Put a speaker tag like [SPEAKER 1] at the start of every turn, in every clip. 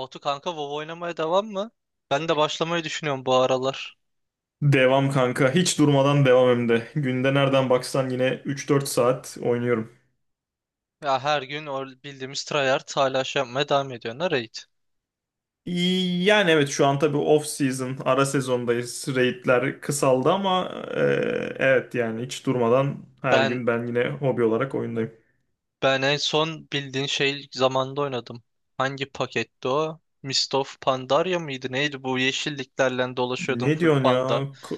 [SPEAKER 1] Batu kanka WoW oynamaya devam mı? Ben de başlamayı düşünüyorum bu aralar.
[SPEAKER 2] Devam kanka. Hiç durmadan devam hem de. Günde nereden baksan yine 3-4 saat oynuyorum.
[SPEAKER 1] Ya her gün o bildiğimiz tryhard hala şey yapmaya devam ediyorlar raid.
[SPEAKER 2] İyi, yani evet şu an tabii off season, ara sezondayız. Raid'ler kısaldı ama evet yani hiç durmadan her
[SPEAKER 1] Ben
[SPEAKER 2] gün ben yine hobi olarak oyundayım.
[SPEAKER 1] ben en son bildiğin şey zamanda oynadım. Hangi paketti o? Mist of Pandaria mıydı? Neydi bu yeşilliklerle dolaşıyordum
[SPEAKER 2] Ne
[SPEAKER 1] full
[SPEAKER 2] diyorsun
[SPEAKER 1] panda.
[SPEAKER 2] ya? Ka-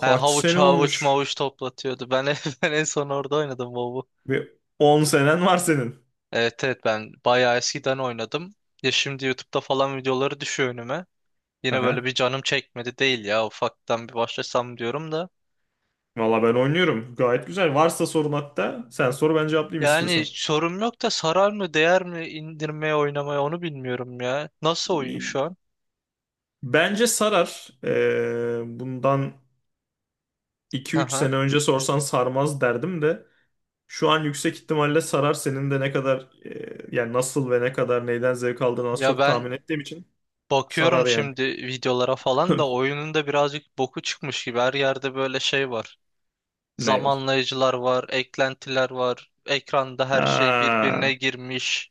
[SPEAKER 1] Ha, havuç
[SPEAKER 2] sene
[SPEAKER 1] havuç
[SPEAKER 2] olmuş?
[SPEAKER 1] mavuç toplatıyordu. Ben en son orada oynadım WoW'u.
[SPEAKER 2] Ve 10 senen var senin.
[SPEAKER 1] Evet, evet, ben bayağı eskiden oynadım. Ya şimdi YouTube'da falan videoları düşüyor önüme. Yine böyle
[SPEAKER 2] Aha.
[SPEAKER 1] bir canım çekmedi değil ya ufaktan bir başlasam diyorum da.
[SPEAKER 2] Valla ben oynuyorum. Gayet güzel. Varsa sorun hatta sen soru ben cevaplayayım
[SPEAKER 1] Yani
[SPEAKER 2] istiyorsan.
[SPEAKER 1] sorum yok da sarar mı değer mi indirmeye oynamaya onu bilmiyorum ya. Nasıl oyun şu an?
[SPEAKER 2] Bence sarar. Bundan 2 üç
[SPEAKER 1] Aha.
[SPEAKER 2] sene önce sorsan sarmaz derdim de şu an yüksek ihtimalle sarar senin de ne kadar yani nasıl ve ne kadar neyden zevk aldığını az
[SPEAKER 1] Ya
[SPEAKER 2] çok tahmin
[SPEAKER 1] ben
[SPEAKER 2] ettiğim için
[SPEAKER 1] bakıyorum
[SPEAKER 2] sarar yani.
[SPEAKER 1] şimdi videolara falan da oyunun da birazcık boku çıkmış gibi. Her yerde böyle şey var.
[SPEAKER 2] Ney var?
[SPEAKER 1] Zamanlayıcılar var, eklentiler var. Ekranda her şey
[SPEAKER 2] Ha.
[SPEAKER 1] birbirine girmiş.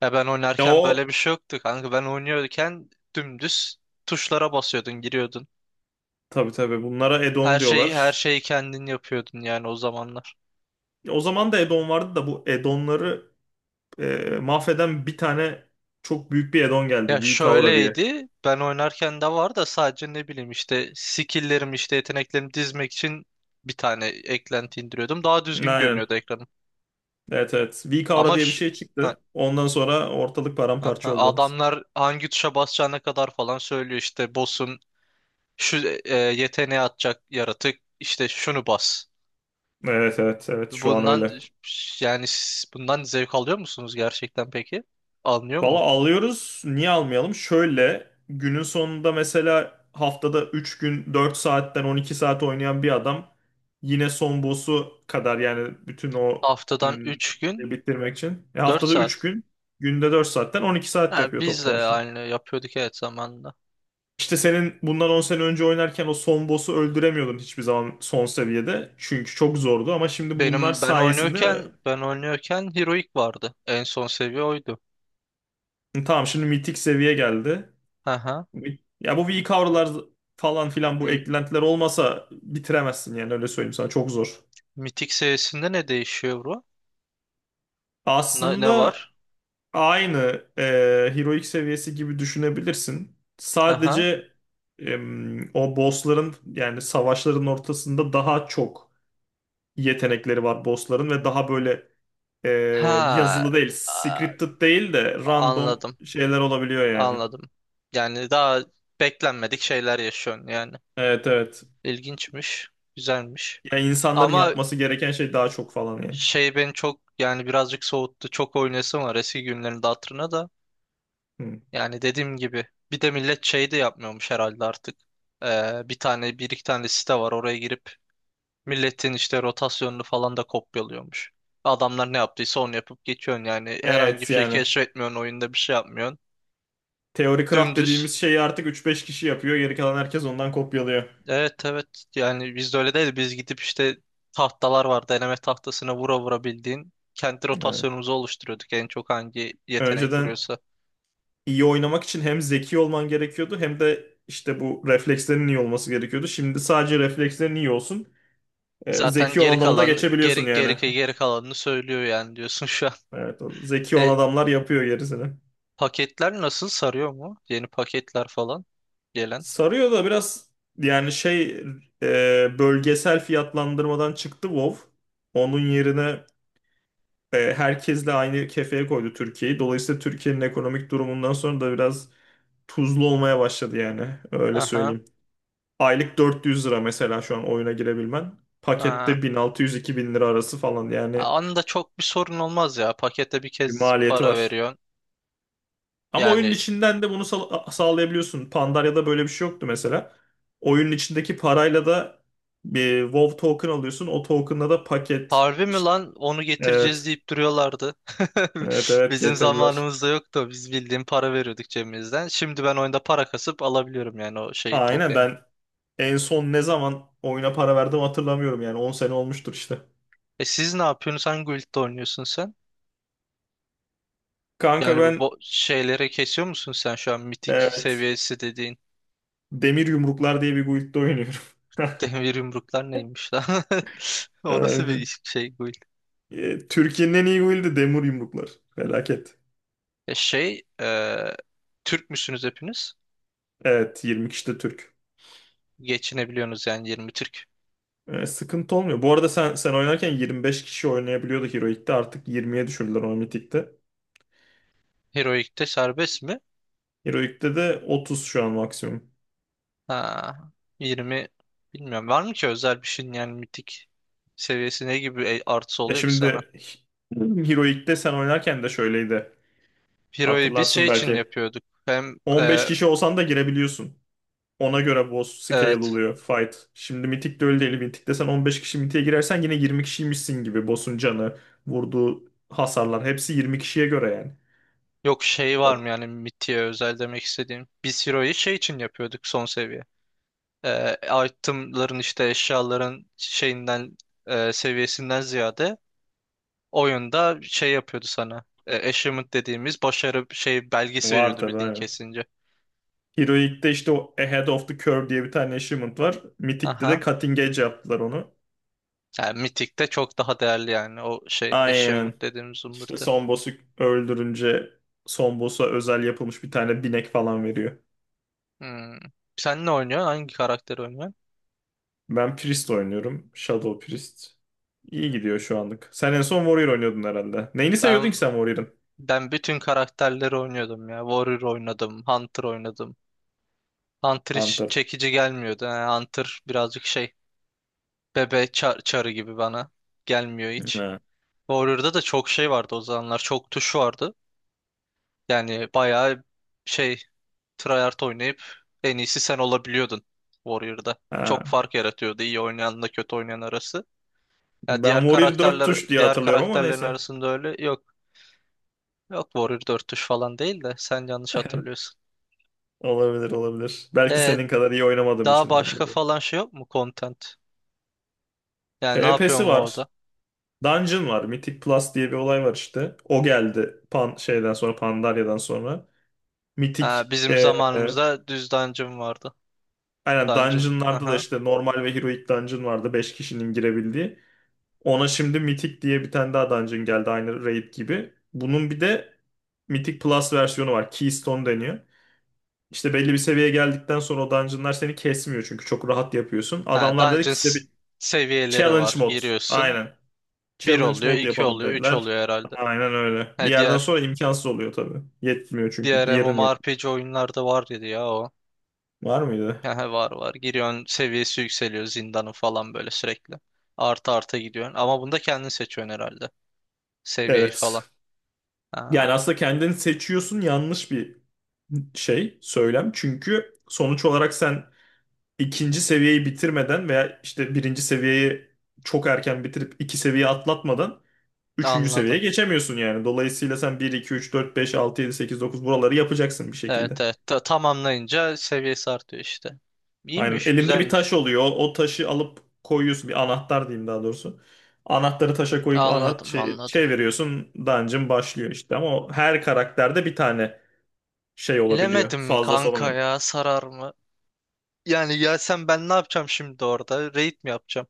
[SPEAKER 1] Ya ben
[SPEAKER 2] Ya
[SPEAKER 1] oynarken
[SPEAKER 2] o
[SPEAKER 1] böyle bir şey yoktu kanka. Ben oynuyorken dümdüz tuşlara basıyordun, giriyordun.
[SPEAKER 2] tabii tabii bunlara
[SPEAKER 1] Her
[SPEAKER 2] add-on
[SPEAKER 1] şeyi her
[SPEAKER 2] diyorlar.
[SPEAKER 1] şeyi kendin yapıyordun yani o zamanlar.
[SPEAKER 2] Ya o zaman da add-on vardı da bu add-onları mahveden bir tane çok büyük bir add-on
[SPEAKER 1] Ya
[SPEAKER 2] geldi. V diye.
[SPEAKER 1] şöyleydi. Ben oynarken de var da sadece ne bileyim işte skill'lerimi işte yeteneklerimi dizmek için bir tane eklenti indiriyordum. Daha düzgün
[SPEAKER 2] Aynen.
[SPEAKER 1] görünüyordu ekranım.
[SPEAKER 2] Evet evet. V
[SPEAKER 1] Ama
[SPEAKER 2] diye bir
[SPEAKER 1] ş-
[SPEAKER 2] şey
[SPEAKER 1] ha,
[SPEAKER 2] çıktı. Ondan sonra ortalık
[SPEAKER 1] ha,
[SPEAKER 2] paramparça
[SPEAKER 1] ha,
[SPEAKER 2] oldu.
[SPEAKER 1] adamlar hangi tuşa basacağına kadar falan söylüyor işte boss'un şu yeteneği atacak yaratık işte şunu bas.
[SPEAKER 2] Evet evet evet şu an
[SPEAKER 1] Bundan
[SPEAKER 2] öyle.
[SPEAKER 1] yani siz bundan zevk alıyor musunuz gerçekten peki? Alınıyor
[SPEAKER 2] Valla
[SPEAKER 1] mu?
[SPEAKER 2] alıyoruz. Niye almayalım? Şöyle günün sonunda mesela haftada 3 gün 4 saatten 12 saat oynayan bir adam yine son boss'u kadar yani bütün o
[SPEAKER 1] Haftadan
[SPEAKER 2] hmm,
[SPEAKER 1] üç gün
[SPEAKER 2] bitirmek için. E,
[SPEAKER 1] dört
[SPEAKER 2] haftada 3
[SPEAKER 1] saat.
[SPEAKER 2] gün günde 4 saatten 12 saat
[SPEAKER 1] Ha,
[SPEAKER 2] yapıyor
[SPEAKER 1] biz de
[SPEAKER 2] toplam işte.
[SPEAKER 1] aynı yapıyorduk evet zamanında.
[SPEAKER 2] İşte senin bundan 10 sene önce oynarken o son boss'u öldüremiyordun hiçbir zaman son seviyede. Çünkü çok zordu ama şimdi bunlar
[SPEAKER 1] Benim ben
[SPEAKER 2] sayesinde
[SPEAKER 1] oynuyorken ben oynuyorken Heroic vardı. En son seviye oydu.
[SPEAKER 2] Tamam şimdi mitik seviye geldi.
[SPEAKER 1] Aha.
[SPEAKER 2] Ya bu V-Cover'lar falan filan bu
[SPEAKER 1] M-
[SPEAKER 2] eklentiler olmasa bitiremezsin yani öyle söyleyeyim sana çok zor.
[SPEAKER 1] Mitik seviyesinde ne değişiyor bro? Ne
[SPEAKER 2] Aslında
[SPEAKER 1] var?
[SPEAKER 2] aynı e, heroic seviyesi gibi düşünebilirsin.
[SPEAKER 1] Aha.
[SPEAKER 2] Sadece o bossların yani savaşların ortasında daha çok yetenekleri var bossların ve daha böyle e,
[SPEAKER 1] Ha.
[SPEAKER 2] yazılı değil,
[SPEAKER 1] a-
[SPEAKER 2] scripted değil de random
[SPEAKER 1] Anladım.
[SPEAKER 2] şeyler olabiliyor yani.
[SPEAKER 1] Anladım. Yani daha beklenmedik şeyler yaşıyorsun yani.
[SPEAKER 2] Evet evet.
[SPEAKER 1] İlginçmiş. Güzelmiş.
[SPEAKER 2] Ya insanların
[SPEAKER 1] Ama
[SPEAKER 2] yapması gereken şey daha çok falan yani.
[SPEAKER 1] şey beni çok yani birazcık soğuttu. Çok oynayasım var eski günlerin de hatırına da.
[SPEAKER 2] Hı.
[SPEAKER 1] Yani dediğim gibi bir de millet şey de yapmıyormuş herhalde artık. Bir iki tane site var oraya girip milletin işte rotasyonunu falan da kopyalıyormuş. Adamlar ne yaptıysa onu yapıp geçiyorsun yani herhangi bir
[SPEAKER 2] Evet
[SPEAKER 1] şey
[SPEAKER 2] yani.
[SPEAKER 1] keşfetmiyorsun oyunda bir şey yapmıyorsun.
[SPEAKER 2] Teori craft
[SPEAKER 1] Dümdüz.
[SPEAKER 2] dediğimiz şeyi artık üç beş kişi yapıyor. Geri kalan herkes ondan kopyalıyor.
[SPEAKER 1] Evet, evet, yani bizde öyle değil biz gidip işte tahtalar var deneme tahtasına vura vura bildiğin kendi
[SPEAKER 2] Evet.
[SPEAKER 1] rotasyonumuzu oluşturuyorduk en çok hangi yetenek
[SPEAKER 2] Önceden
[SPEAKER 1] vuruyorsa.
[SPEAKER 2] iyi oynamak için hem zeki olman gerekiyordu hem de işte bu reflekslerin iyi olması gerekiyordu. Şimdi sadece reflekslerin iyi olsun. Ee,
[SPEAKER 1] Zaten
[SPEAKER 2] zeki
[SPEAKER 1] geri
[SPEAKER 2] olan adamı da
[SPEAKER 1] kalan
[SPEAKER 2] geçebiliyorsun
[SPEAKER 1] geri geri
[SPEAKER 2] yani.
[SPEAKER 1] geri kalanını söylüyor yani diyorsun şu an.
[SPEAKER 2] Evet, o zeki olan
[SPEAKER 1] E,
[SPEAKER 2] adamlar yapıyor gerisini.
[SPEAKER 1] Paketler nasıl sarıyor mu? Yeni paketler falan gelen.
[SPEAKER 2] Sarıyor da biraz yani şey bölgesel fiyatlandırmadan çıktı WoW. Onun yerine herkesle aynı kefeye koydu Türkiye'yi. Dolayısıyla Türkiye'nin ekonomik durumundan sonra da biraz tuzlu olmaya başladı yani. Öyle
[SPEAKER 1] Aha.
[SPEAKER 2] söyleyeyim. Aylık 400 lira mesela şu an oyuna girebilmen.
[SPEAKER 1] Ha.
[SPEAKER 2] Pakette 1600-2000 lira arası falan yani
[SPEAKER 1] Anında çok bir sorun olmaz ya. Pakete bir
[SPEAKER 2] bir
[SPEAKER 1] kez
[SPEAKER 2] maliyeti
[SPEAKER 1] para
[SPEAKER 2] var.
[SPEAKER 1] veriyorsun.
[SPEAKER 2] Ama oyunun
[SPEAKER 1] Yani
[SPEAKER 2] içinden de bunu sağlayabiliyorsun. Pandaria'da böyle bir şey yoktu mesela. Oyunun içindeki parayla da bir WoW token alıyorsun. O token'la da paket
[SPEAKER 1] harbi mi
[SPEAKER 2] işte
[SPEAKER 1] lan onu getireceğiz
[SPEAKER 2] evet.
[SPEAKER 1] deyip duruyorlardı.
[SPEAKER 2] Evet evet
[SPEAKER 1] Bizim
[SPEAKER 2] getirdiler.
[SPEAKER 1] zamanımızda yoktu. Biz bildiğin para veriyorduk cebimizden. Şimdi ben oyunda para kasıp alabiliyorum yani o şeyi
[SPEAKER 2] Aynen
[SPEAKER 1] tokeni.
[SPEAKER 2] ben en son ne zaman oyuna para verdim hatırlamıyorum yani 10 sene olmuştur işte.
[SPEAKER 1] E siz ne yapıyorsunuz? Hangi guild'de oynuyorsun sen?
[SPEAKER 2] Kanka
[SPEAKER 1] Yani
[SPEAKER 2] ben
[SPEAKER 1] şeylere kesiyor musun sen şu an mitik
[SPEAKER 2] evet
[SPEAKER 1] seviyesi dediğin?
[SPEAKER 2] Demir Yumruklar diye bir guildde oynuyorum.
[SPEAKER 1] Demir yumruklar neymiş lan? O nasıl
[SPEAKER 2] Aynen.
[SPEAKER 1] şey bu?
[SPEAKER 2] E, Türkiye'nin en iyi guildi Demir Yumruklar. Felaket.
[SPEAKER 1] E şey, e, Türk müsünüz hepiniz?
[SPEAKER 2] Evet 20 kişi de Türk.
[SPEAKER 1] Geçinebiliyorsunuz yani 20 Türk.
[SPEAKER 2] E, sıkıntı olmuyor. Bu arada sen oynarken 25 kişi oynayabiliyordu Heroic'te. Artık 20'ye düşürdüler o Mythic'te.
[SPEAKER 1] Heroik'te serbest mi?
[SPEAKER 2] Heroic'te de 30 şu an maksimum.
[SPEAKER 1] Ha, 20 bilmiyorum. Var mı ki özel bir şeyin yani mitik seviyesi ne gibi artısı
[SPEAKER 2] E
[SPEAKER 1] oluyor ki sana?
[SPEAKER 2] şimdi Heroic'te sen oynarken de şöyleydi.
[SPEAKER 1] Hero'yu biz şey
[SPEAKER 2] Hatırlarsın
[SPEAKER 1] için
[SPEAKER 2] belki.
[SPEAKER 1] yapıyorduk. Hem
[SPEAKER 2] 15 kişi olsan da girebiliyorsun. Ona göre boss scale
[SPEAKER 1] evet.
[SPEAKER 2] oluyor fight. Şimdi Mythic'te öyle değil. Mythic'te sen 15 kişi Mythic'e girersen yine 20 kişiymişsin gibi. Boss'un canı, vurduğu hasarlar hepsi 20 kişiye göre yani.
[SPEAKER 1] Yok şey
[SPEAKER 2] O,
[SPEAKER 1] var mı yani mitiğe özel demek istediğim. Biz Hero'yu şey için yapıyorduk son seviye. e, itemların işte eşyaların şeyinden seviyesinden ziyade oyunda şey yapıyordu sana. Achievement dediğimiz başarı şey belgesi
[SPEAKER 2] var
[SPEAKER 1] veriyordu
[SPEAKER 2] tabii
[SPEAKER 1] bildiğin
[SPEAKER 2] aynen.
[SPEAKER 1] kesince.
[SPEAKER 2] Heroic'te işte o Ahead of the Curve diye bir tane achievement var. Mythic'te de
[SPEAKER 1] Aha.
[SPEAKER 2] Cutting Edge yaptılar onu.
[SPEAKER 1] Yani Mythic'te çok daha değerli yani o şey
[SPEAKER 2] Aynen.
[SPEAKER 1] achievement dediğimiz
[SPEAKER 2] İşte
[SPEAKER 1] zımbırtı.
[SPEAKER 2] son boss'u öldürünce son boss'a özel yapılmış bir tane binek falan veriyor.
[SPEAKER 1] Hmm. Sen ne oynuyorsun? Hangi karakteri oynuyorsun?
[SPEAKER 2] Ben Priest oynuyorum. Shadow Priest. İyi gidiyor şu anlık. Sen en son Warrior oynuyordun herhalde. Neyini seviyordun
[SPEAKER 1] Ben
[SPEAKER 2] ki sen Warrior'ın?
[SPEAKER 1] ben bütün karakterleri oynuyordum ya. Warrior oynadım, Hunter oynadım. Hunter hiç
[SPEAKER 2] Hunter.
[SPEAKER 1] çekici gelmiyordu. Yani Hunter birazcık şey çarı gibi bana gelmiyor hiç.
[SPEAKER 2] Ha.
[SPEAKER 1] Warrior'da da çok şey vardı o zamanlar. Çok tuş vardı. Yani bayağı şey tryhard oynayıp en iyisi sen olabiliyordun Warrior'da. Çok
[SPEAKER 2] Ha.
[SPEAKER 1] fark yaratıyordu iyi oynayanla kötü oynayan arası. Ya
[SPEAKER 2] Ben
[SPEAKER 1] diğer
[SPEAKER 2] Warrior 4
[SPEAKER 1] karakterler
[SPEAKER 2] tuş diye
[SPEAKER 1] diğer
[SPEAKER 2] hatırlıyorum ama
[SPEAKER 1] karakterlerin
[SPEAKER 2] neyse.
[SPEAKER 1] arasında öyle yok. Yok Warrior 4 tuş falan değil de sen yanlış hatırlıyorsun.
[SPEAKER 2] Olabilir olabilir. Belki
[SPEAKER 1] E
[SPEAKER 2] senin kadar iyi oynamadığım
[SPEAKER 1] daha
[SPEAKER 2] içindir bu
[SPEAKER 1] başka
[SPEAKER 2] diye.
[SPEAKER 1] falan şey yok mu content? Yani ne
[SPEAKER 2] PvP'si
[SPEAKER 1] yapıyorum
[SPEAKER 2] var.
[SPEAKER 1] orada?
[SPEAKER 2] Dungeon var. Mythic Plus diye bir olay var işte. O geldi Pan şeyden sonra Pandaria'dan sonra. Mythic
[SPEAKER 1] Ha, bizim
[SPEAKER 2] e,
[SPEAKER 1] zamanımızda düz dungeon vardı.
[SPEAKER 2] aynen
[SPEAKER 1] Dungeon.
[SPEAKER 2] Dungeon'larda da
[SPEAKER 1] Aha.
[SPEAKER 2] işte normal ve Heroic Dungeon vardı. 5 kişinin girebildiği. Ona şimdi Mythic diye bir tane daha dungeon geldi aynı raid gibi. Bunun bir de Mythic Plus versiyonu var. Keystone deniyor. İşte belli bir seviyeye geldikten sonra o dungeonlar seni kesmiyor çünkü çok rahat yapıyorsun.
[SPEAKER 1] Ha,
[SPEAKER 2] Adamlar dedi ki size bir
[SPEAKER 1] seviyeleri
[SPEAKER 2] challenge
[SPEAKER 1] var.
[SPEAKER 2] mod.
[SPEAKER 1] Giriyorsun.
[SPEAKER 2] Aynen.
[SPEAKER 1] Bir
[SPEAKER 2] Challenge
[SPEAKER 1] oluyor,
[SPEAKER 2] mod
[SPEAKER 1] iki
[SPEAKER 2] yapalım
[SPEAKER 1] oluyor, üç oluyor
[SPEAKER 2] dediler.
[SPEAKER 1] herhalde.
[SPEAKER 2] Aynen öyle. Bir
[SPEAKER 1] Ha,
[SPEAKER 2] yerden
[SPEAKER 1] diğer
[SPEAKER 2] sonra imkansız oluyor tabii. Yetmiyor çünkü
[SPEAKER 1] diğer
[SPEAKER 2] gear'ın yet.
[SPEAKER 1] MMORPG oyunlarda var dedi ya o.
[SPEAKER 2] Var mıydı?
[SPEAKER 1] Yani var, var. Giriyorsun seviyesi yükseliyor zindanın falan böyle sürekli. Artı artı gidiyorsun. Ama bunda kendin seçiyorsun herhalde. Seviyeyi
[SPEAKER 2] Evet.
[SPEAKER 1] falan. Ha,
[SPEAKER 2] Yani aslında kendini seçiyorsun yanlış bir şey, söylem. Çünkü sonuç olarak sen ikinci seviyeyi bitirmeden veya işte birinci seviyeyi çok erken bitirip iki seviye atlatmadan üçüncü seviyeye
[SPEAKER 1] anladım.
[SPEAKER 2] geçemiyorsun yani. Dolayısıyla sen bir 2 3 4 5 6 7 8 9 buraları yapacaksın bir
[SPEAKER 1] Evet,
[SPEAKER 2] şekilde.
[SPEAKER 1] evet. Tamamlayınca seviyesi artıyor işte.
[SPEAKER 2] Aynen.
[SPEAKER 1] İyiymiş,
[SPEAKER 2] Elinde bir taş
[SPEAKER 1] güzelmiş.
[SPEAKER 2] oluyor. O taşı alıp koyuyorsun. Bir anahtar diyeyim daha doğrusu. Anahtarı taşa koyup ana
[SPEAKER 1] Anladım,
[SPEAKER 2] şey,
[SPEAKER 1] anladım.
[SPEAKER 2] çeviriyorsun. Dungeon başlıyor işte. Ama o her karakterde bir tane şey olabiliyor.
[SPEAKER 1] Bilemedim
[SPEAKER 2] Fazlası
[SPEAKER 1] kanka
[SPEAKER 2] olamıyor.
[SPEAKER 1] ya sarar mı? Yani ya ben ne yapacağım şimdi orada? Raid mi yapacağım?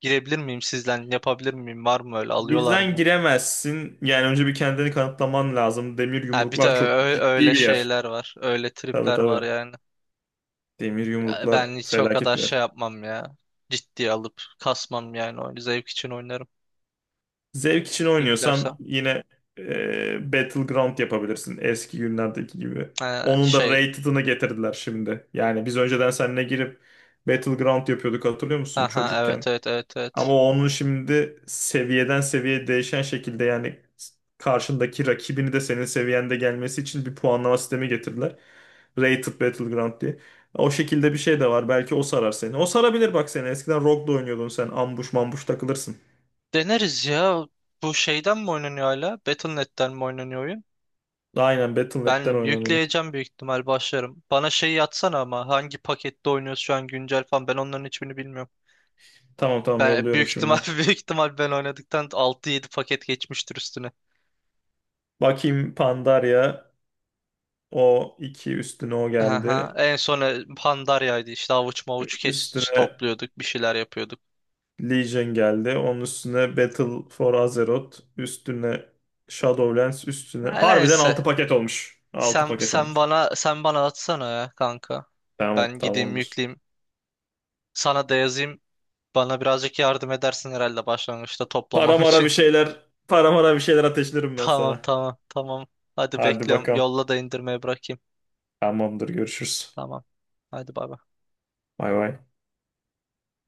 [SPEAKER 1] Girebilir miyim sizden? Yapabilir miyim? Var mı öyle? Alıyorlar
[SPEAKER 2] Bizden
[SPEAKER 1] mı?
[SPEAKER 2] giremezsin. Yani önce bir kendini kanıtlaman lazım. Demir
[SPEAKER 1] Ha, bir de
[SPEAKER 2] yumruklar çok
[SPEAKER 1] öyle
[SPEAKER 2] ciddi bir yer.
[SPEAKER 1] şeyler var. Öyle
[SPEAKER 2] Tabii
[SPEAKER 1] tripler var
[SPEAKER 2] tabii.
[SPEAKER 1] yani.
[SPEAKER 2] Demir
[SPEAKER 1] Ya
[SPEAKER 2] yumruklar
[SPEAKER 1] ben hiç o
[SPEAKER 2] felaket
[SPEAKER 1] kadar
[SPEAKER 2] bir yer.
[SPEAKER 1] şey yapmam ya. Ciddiye alıp kasmam yani oyunu. Zevk için oynarım.
[SPEAKER 2] Zevk için oynuyorsan
[SPEAKER 1] İlklersem.
[SPEAKER 2] yine Battleground yapabilirsin eski günlerdeki gibi.
[SPEAKER 1] Ha,
[SPEAKER 2] Onun da
[SPEAKER 1] şey.
[SPEAKER 2] rated'ını getirdiler şimdi. Yani biz önceden seninle girip Battleground yapıyorduk hatırlıyor musun
[SPEAKER 1] Aha,
[SPEAKER 2] çocukken?
[SPEAKER 1] evet, evet, evet,
[SPEAKER 2] Ama
[SPEAKER 1] evet.
[SPEAKER 2] onun şimdi seviyeden seviyeye değişen şekilde yani karşındaki rakibini de senin seviyende gelmesi için bir puanlama sistemi getirdiler. Rated Battleground diye. O şekilde bir şey de var. Belki o sarar seni. O sarabilir bak seni. Eskiden Rogue'da oynuyordun sen. Ambush mambush takılırsın.
[SPEAKER 1] Deneriz ya. Bu şeyden mi oynanıyor hala? Battle.net'ten mi oynanıyor oyun?
[SPEAKER 2] Aynen Battle nokta
[SPEAKER 1] Ben
[SPEAKER 2] Net'ten oynanıyor.
[SPEAKER 1] yükleyeceğim büyük ihtimal başlarım. Bana şeyi yatsana ama hangi pakette oynuyoruz şu an güncel falan ben onların hiçbirini bilmiyorum.
[SPEAKER 2] Tamam tamam
[SPEAKER 1] Ben büyük
[SPEAKER 2] yolluyorum
[SPEAKER 1] ihtimal
[SPEAKER 2] şimdi.
[SPEAKER 1] büyük ihtimal ben oynadıktan 6-7 paket geçmiştir üstüne.
[SPEAKER 2] Bakayım Pandaria. O iki üstüne o
[SPEAKER 1] Aha.
[SPEAKER 2] geldi.
[SPEAKER 1] En sona Pandarya'ydı. İşte avuç mavuç kes
[SPEAKER 2] Üstüne
[SPEAKER 1] topluyorduk, bir şeyler yapıyorduk.
[SPEAKER 2] Legion geldi. Onun üstüne Battle for Azeroth. Üstüne Shadowlands. Üstüne.
[SPEAKER 1] Ha,
[SPEAKER 2] Harbiden
[SPEAKER 1] neyse.
[SPEAKER 2] 6 paket olmuş. Altı
[SPEAKER 1] Sen
[SPEAKER 2] paket
[SPEAKER 1] sen
[SPEAKER 2] olmuş.
[SPEAKER 1] bana sen bana atsana ya kanka.
[SPEAKER 2] Tamam
[SPEAKER 1] Ben gideyim
[SPEAKER 2] tamamdır.
[SPEAKER 1] yükleyeyim. Sana da yazayım. Bana birazcık yardım edersin herhalde başlangıçta toplamam
[SPEAKER 2] Paramara
[SPEAKER 1] için.
[SPEAKER 2] bir şeyler. Paramara bir şeyler ateşlerim ben
[SPEAKER 1] Tamam,
[SPEAKER 2] sana.
[SPEAKER 1] tamam, tamam. Hadi
[SPEAKER 2] Hadi
[SPEAKER 1] bekliyorum.
[SPEAKER 2] bakalım.
[SPEAKER 1] Yolla da indirmeye bırakayım.
[SPEAKER 2] Tamamdır görüşürüz.
[SPEAKER 1] Tamam. Hadi bay bay.
[SPEAKER 2] Bay bay.